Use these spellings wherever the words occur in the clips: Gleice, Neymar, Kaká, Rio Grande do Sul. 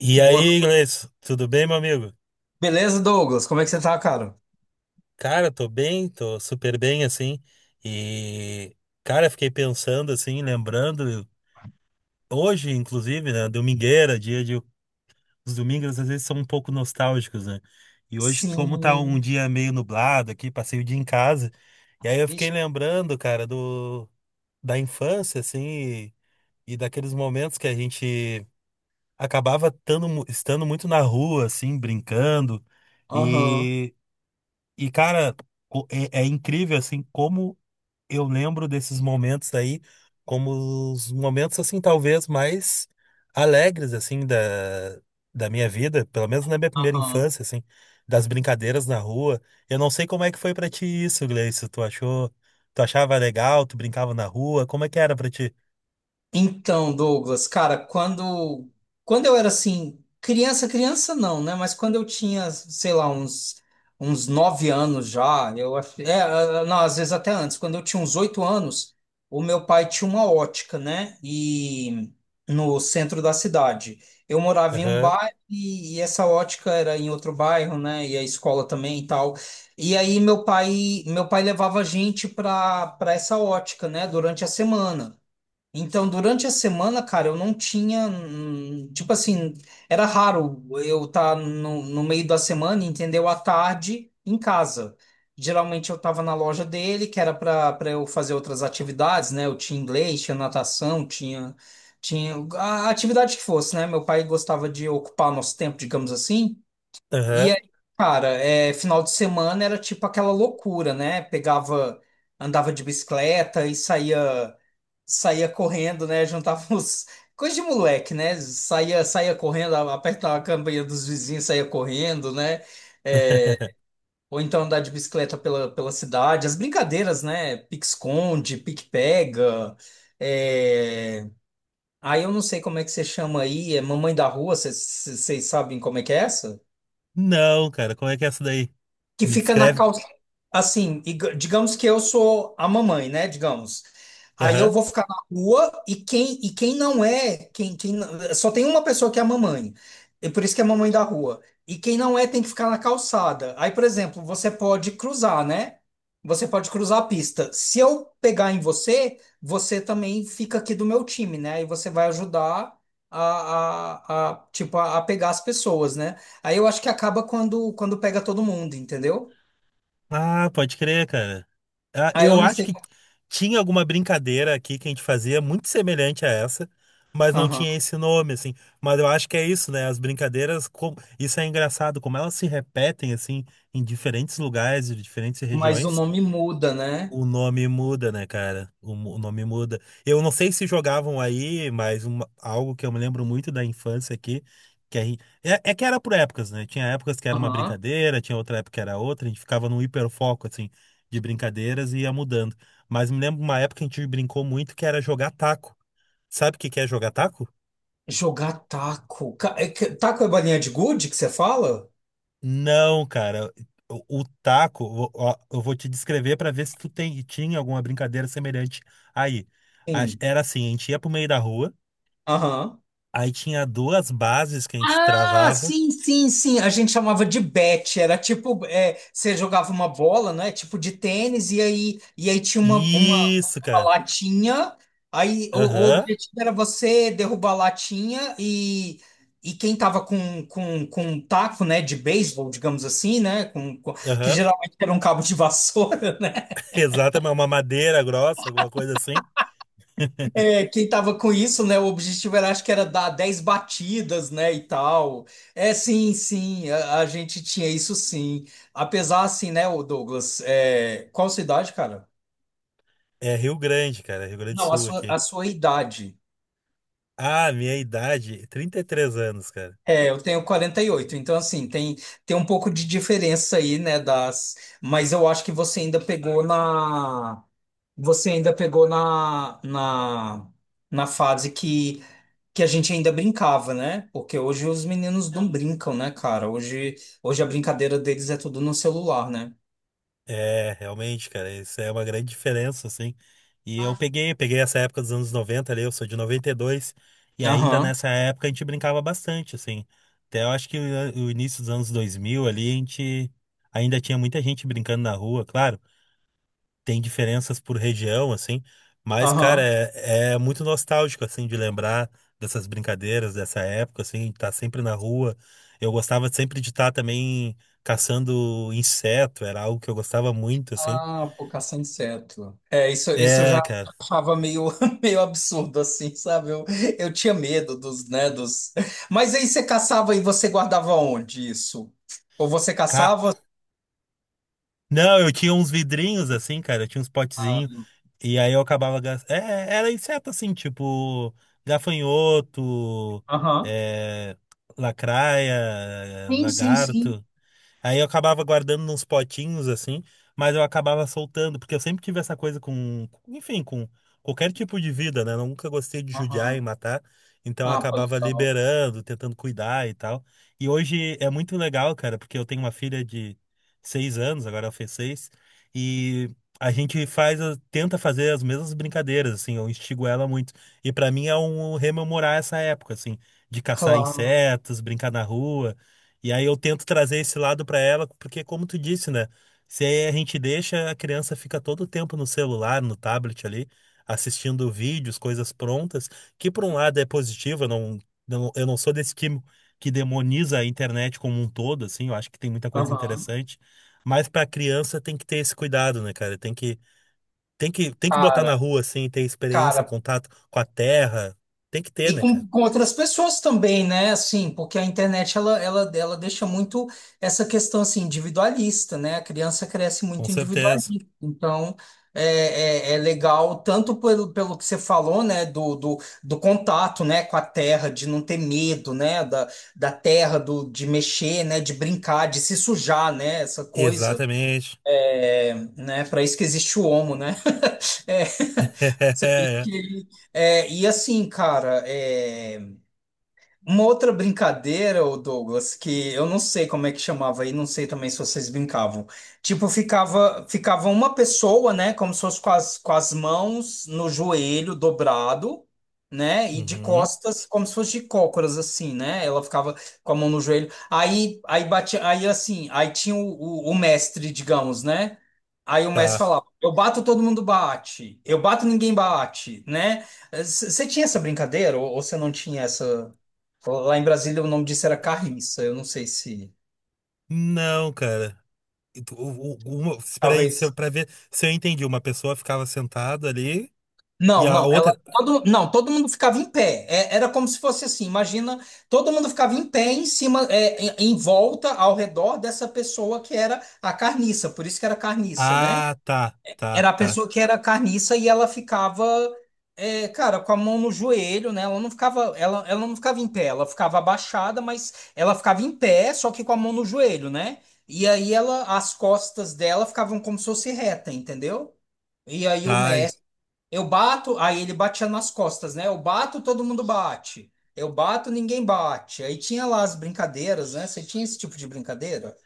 E Boa aí, no- Gleice, tudo bem, meu amigo? Beleza, Douglas? Como é que você tá, cara? Cara, tô bem, tô super bem, assim. E, Cara, fiquei pensando, assim, lembrando, hoje, inclusive, né, domingueira, dia de. Os domingos às vezes são um pouco nostálgicos, né? E hoje, como tá um Sim. dia meio nublado aqui, passei o dia em casa. E aí eu fiquei Vixe. lembrando, cara, da infância, assim, e, e daqueles momentos que a gente estando muito na rua, assim, brincando. Aham. E. E, cara, é incrível, assim, como eu lembro desses momentos aí, como os momentos, assim, talvez mais alegres, assim, da minha vida, pelo menos na minha primeira Aham. infância, assim, das brincadeiras na rua. Eu não sei como é que foi pra ti isso, Gleice. Tu achava legal, tu brincava na rua, como é que era pra ti? Então, Douglas, cara, quando eu era assim, criança, criança não, né? Mas quando eu tinha, sei lá, uns 9 anos já, ah, não, às vezes até antes, quando eu tinha uns 8 anos, o meu pai tinha uma ótica, né? E no centro da cidade. Eu morava em um Aham, bairro e essa ótica era em outro bairro, né? E a escola também e tal. E aí meu pai levava a gente para essa ótica, né? Durante a semana. Então, durante a semana, cara, eu não tinha. Tipo assim, era raro eu estar no meio da semana, entendeu? À tarde em casa. Geralmente eu estava na loja dele, que era para eu fazer outras atividades, né? Eu tinha inglês, tinha natação, tinha a atividade que fosse, né? Meu pai gostava de ocupar nosso tempo, digamos assim. E aham. aí, cara, final de semana era tipo aquela loucura, né? Pegava, andava de bicicleta e saía correndo, né? Juntava os. Coisa de moleque, né? Saía correndo, apertava a campanha dos vizinhos, saía correndo, né? É, ou então andar de bicicleta pela cidade. As brincadeiras, né? Pique-esconde, pique-pega. é, Aí eu não sei como é que você chama aí, é mamãe da rua, vocês sabem como é que é essa? Não, cara, como é que é essa daí? Que Me fica na descreve. calça. Assim, digamos que eu sou a mamãe, né? Digamos. Aí eu vou ficar na rua e quem não é, quem, quem não- só tem uma pessoa que é a mamãe. E por isso que é a mamãe da rua. E quem não é tem que ficar na calçada. Aí, por exemplo, você pode cruzar, né? Você pode cruzar a pista. Se eu pegar em você, você também fica aqui do meu time, né? Aí você vai ajudar a, a, tipo, a pegar as pessoas, né? Aí eu acho que acaba quando pega todo mundo, entendeu? Ah, pode crer, cara. Ah, Aí eu eu não acho sei. que tinha alguma brincadeira aqui que a gente fazia muito semelhante a essa, mas não Aham. tinha esse nome, assim. Mas eu acho que é isso, né? As brincadeiras, como isso é engraçado, como elas se repetem, assim, em diferentes lugares, e diferentes Mas o regiões. nome muda, né? O nome muda, né, cara? O nome muda. Eu não sei se jogavam aí, mas algo que eu me lembro muito da infância aqui, que a gente, é que era por épocas, né? Tinha épocas que era uma Aham. brincadeira, tinha outra época que era outra, a gente ficava num hiperfoco, assim, de brincadeiras e ia mudando. Mas me lembro uma época que a gente brincou muito que era jogar taco. Sabe o que que é jogar taco? Jogar taco. Taco é bolinha de gude que você fala? Não, cara. O taco, ó, ó, eu vou te descrever pra ver se tu tem, tinha alguma brincadeira semelhante aí. Sim. Era assim, a gente ia pro meio da rua. Aham. Aí tinha duas bases que a gente Ah, travava. sim, sim, sim. A gente chamava de bet. Era tipo, você jogava uma bola, né? Tipo de tênis, e aí tinha uma, uma Isso, uma cara. latinha. Aí o Aham, objetivo era você derrubar a latinha e quem tava com um taco, né, de beisebol, digamos assim, né, que aham. geralmente era um cabo de vassoura. Exatamente, uma madeira grossa, alguma coisa assim. Quem tava com isso, né, o objetivo era, acho que era dar 10 batidas, né, e tal. Sim, sim, a gente tinha isso sim. Apesar, assim, né, o Douglas, qual sua idade, cara? É Rio Grande, cara, Rio Grande do Não, a Sul sua, aqui. a sua idade. Ah, minha idade, 33 anos, cara. Eu tenho 48. Então assim, tem um pouco de diferença aí, né, das, mas eu acho que você ainda pegou na fase que a gente ainda brincava, né? Porque hoje os meninos não brincam, né, cara? Hoje a brincadeira deles é tudo no celular, né? É, realmente, cara, isso é uma grande diferença, assim. E eu peguei essa época dos anos 90, ali, eu sou de 92. E ainda Aham, nessa época a gente brincava bastante, assim. Até eu acho que o início dos anos 2000, ali, a gente ainda tinha muita gente brincando na rua, claro. Tem diferenças por região, assim, mas, cara, aham. É muito nostálgico, assim, de lembrar dessas brincadeiras dessa época, assim, de estar sempre na rua. Eu gostava sempre de estar também caçando inseto, era algo que eu gostava muito, assim. Ah, por caça a inseto. Isso, eu É, já cara. achava meio, meio absurdo, assim, sabe? Eu tinha medo dos, né, dos... Mas aí você caçava e você guardava onde isso? Ou você Ca- caçava... Não, eu tinha uns vidrinhos, assim, cara, eu tinha uns Ah, potezinhos, e aí eu acabava gastando. É, era inseto, assim, tipo gafanhoto, aham. é, lacraia, Sim, sim, sim. lagarto. Aí eu acabava guardando nos potinhos assim, mas eu acabava soltando, porque eu sempre tive essa coisa com, enfim, com qualquer tipo de vida, né? Eu nunca gostei de judiar e Aham. matar, então eu Ah, pô, acabava legal. liberando, tentando cuidar e tal. E hoje é muito legal, cara, porque eu tenho uma filha de 6 anos, agora ela fez 6, e a gente faz, tenta fazer as mesmas brincadeiras, assim, eu instigo ela muito. E pra mim é um rememorar essa época, assim, de caçar Claro. insetos, brincar na rua. E aí eu tento trazer esse lado para ela, porque como tu disse, né? Se a gente deixa, a criança fica todo o tempo no celular, no tablet ali, assistindo vídeos, coisas prontas, que por um lado é positivo, eu não sou desse que demoniza a internet como um todo, assim, eu acho que tem muita coisa Aham. interessante, mas para a criança tem que ter esse cuidado, né, cara? Tem que botar Cara, na rua, assim, ter experiência, cara, contato com a terra, tem que ter, e né, cara? com outras pessoas também, né? Assim, porque a internet ela deixa muito essa questão assim, individualista, né? A criança cresce Com muito certeza. individualista. Então, é legal tanto pelo que você falou, né? Do contato, né? Com a terra, de não ter medo, né? Da terra, de mexer, né? De brincar, de se sujar, né? Essa coisa, Exatamente. Né? Para isso que existe o homo, né? É, você vê que, e assim, cara. Uma outra brincadeira, ô Douglas, que eu não sei como é que chamava aí, não sei também se vocês brincavam. Tipo, ficava uma pessoa, né, como se fosse com as mãos no joelho dobrado, né, e de Uhum, costas, como se fosse de cócoras, assim, né? Ela ficava com a mão no joelho. Aí batia, aí assim, aí tinha o mestre, digamos, né? Aí o mestre tá. falava, eu bato, todo mundo bate. Eu bato, ninguém bate, né? Você tinha essa brincadeira ou você não tinha essa? Lá em Brasília o nome disso era carriça. Eu não sei se. Não, cara. Uma, peraí, se Talvez. eu, pra ver se eu entendi. Uma pessoa ficava sentada ali e Não, a não, outra. Não, todo mundo ficava em pé. Era como se fosse assim, imagina, todo mundo ficava em pé em cima, em volta, ao redor dessa pessoa que era a carniça, por isso que era carniça, né? Ah, tá, tá, Era a tá. pessoa que era carniça e ela ficava, cara, com a mão no joelho, né? Ela não ficava, ela não ficava em pé, ela ficava abaixada, mas ela ficava em pé, só que com a mão no joelho, né? E aí as costas dela ficavam como se fosse reta, entendeu? E aí o Ai, mestre, eu bato, aí ele batia nas costas, né? Eu bato, todo mundo bate. Eu bato, ninguém bate. Aí tinha lá as brincadeiras, né? Você tinha esse tipo de brincadeira?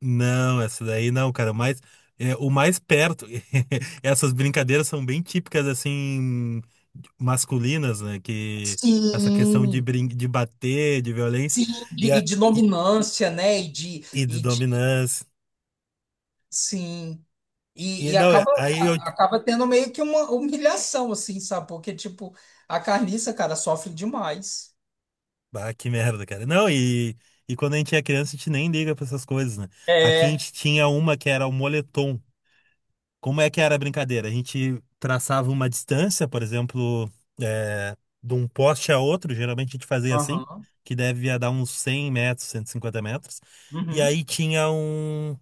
não, essa daí não, cara. Mas é, o mais perto. Essas brincadeiras são bem típicas, assim, masculinas, né? Que essa questão de, Sim. brin de bater, de violência Sim, e, e a, de e, dominância, né? E de E de dominância. sim. E, E e não, é- acaba, aí eu acaba tendo meio que uma humilhação, assim, sabe? Porque, tipo, a carniça, cara, sofre demais. Bah, que merda, cara. Não, e quando a gente é criança, a gente nem liga pra essas coisas, né? Aqui a É. gente tinha uma que era o moletom. Como é que era a brincadeira? A gente traçava uma distância, por exemplo, é, de um poste a outro, geralmente a gente fazia assim, Aham. que devia dar uns 100 metros, 150 metros. E Uhum. aí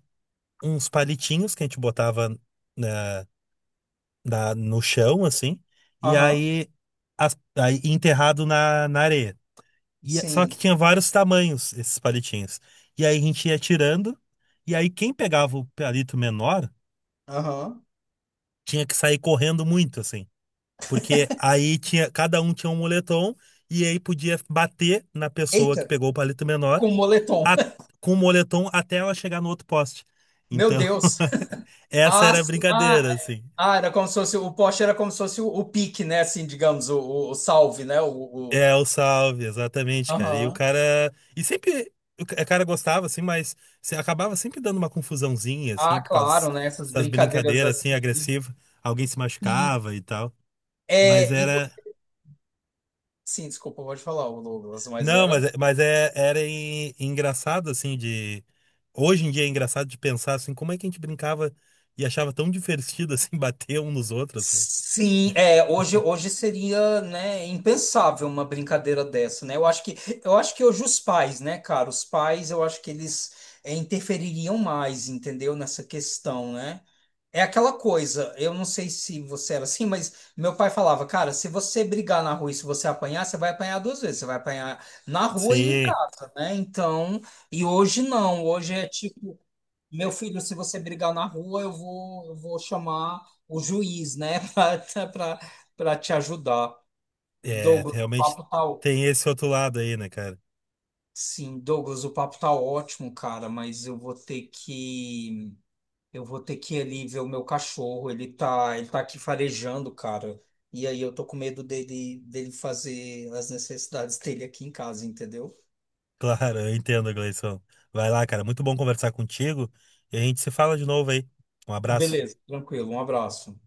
uns palitinhos que a gente botava na, no chão, assim, e Aham. aí, aí enterrado na areia. Só que Sim. tinha vários tamanhos esses palitinhos. E aí a gente ia tirando, e aí quem pegava o palito menor Aham. tinha que sair correndo muito, assim. Porque aí tinha, cada um tinha um moletom, e aí podia bater na pessoa que Eita, pegou o palito menor com moletom. a- com o moletom até ela chegar no outro poste. Meu Então, Deus. essa Ah, era a sim. Ah, brincadeira, é. assim. Ah, era como se fosse, o poste era como se fosse o pique, né? Assim, digamos, o salve, né? O... É, o Salve, exatamente, cara. E o Aham. cara. E sempre. O cara gostava, assim, mas acabava sempre dando uma confusãozinha, assim, Ah, por causa claro, né? Essas dessas brincadeiras brincadeiras, assim, assim. agressivas. Alguém se Sim. machucava e tal. Mas É, e, era. Sim, desculpa, pode falar, ô Douglas, mas Não, mas, era. é- mas É, era engraçado, assim, de. Hoje em dia é engraçado de pensar, assim, como é que a gente brincava e achava tão divertido, assim, bater um nos outros. Né? Sim, hoje, seria, né, impensável uma brincadeira dessa, né? Eu acho que hoje os pais, né, cara, os pais, eu acho que eles interfeririam mais, entendeu, nessa questão, né? É aquela coisa, eu não sei se você era assim, mas meu pai falava, cara, se você brigar na rua e se você apanhar, você vai apanhar duas vezes, você vai apanhar na rua e em Sim. casa, né? Então, e hoje não, hoje é tipo meu filho, se você brigar na rua, eu vou chamar o juiz, né, para te ajudar. É, Douglas, o realmente papo tá. ó- tem esse outro lado aí, né, cara? Sim, Douglas, o papo tá ótimo, cara, mas eu vou ter que ir ali ver o meu cachorro, ele tá aqui farejando, cara. E aí eu tô com medo dele fazer as necessidades dele aqui em casa, entendeu? Claro, eu entendo, Gleison. Vai lá, cara. Muito bom conversar contigo. E a gente se fala de novo aí. Um abraço. Beleza, tranquilo. Um abraço.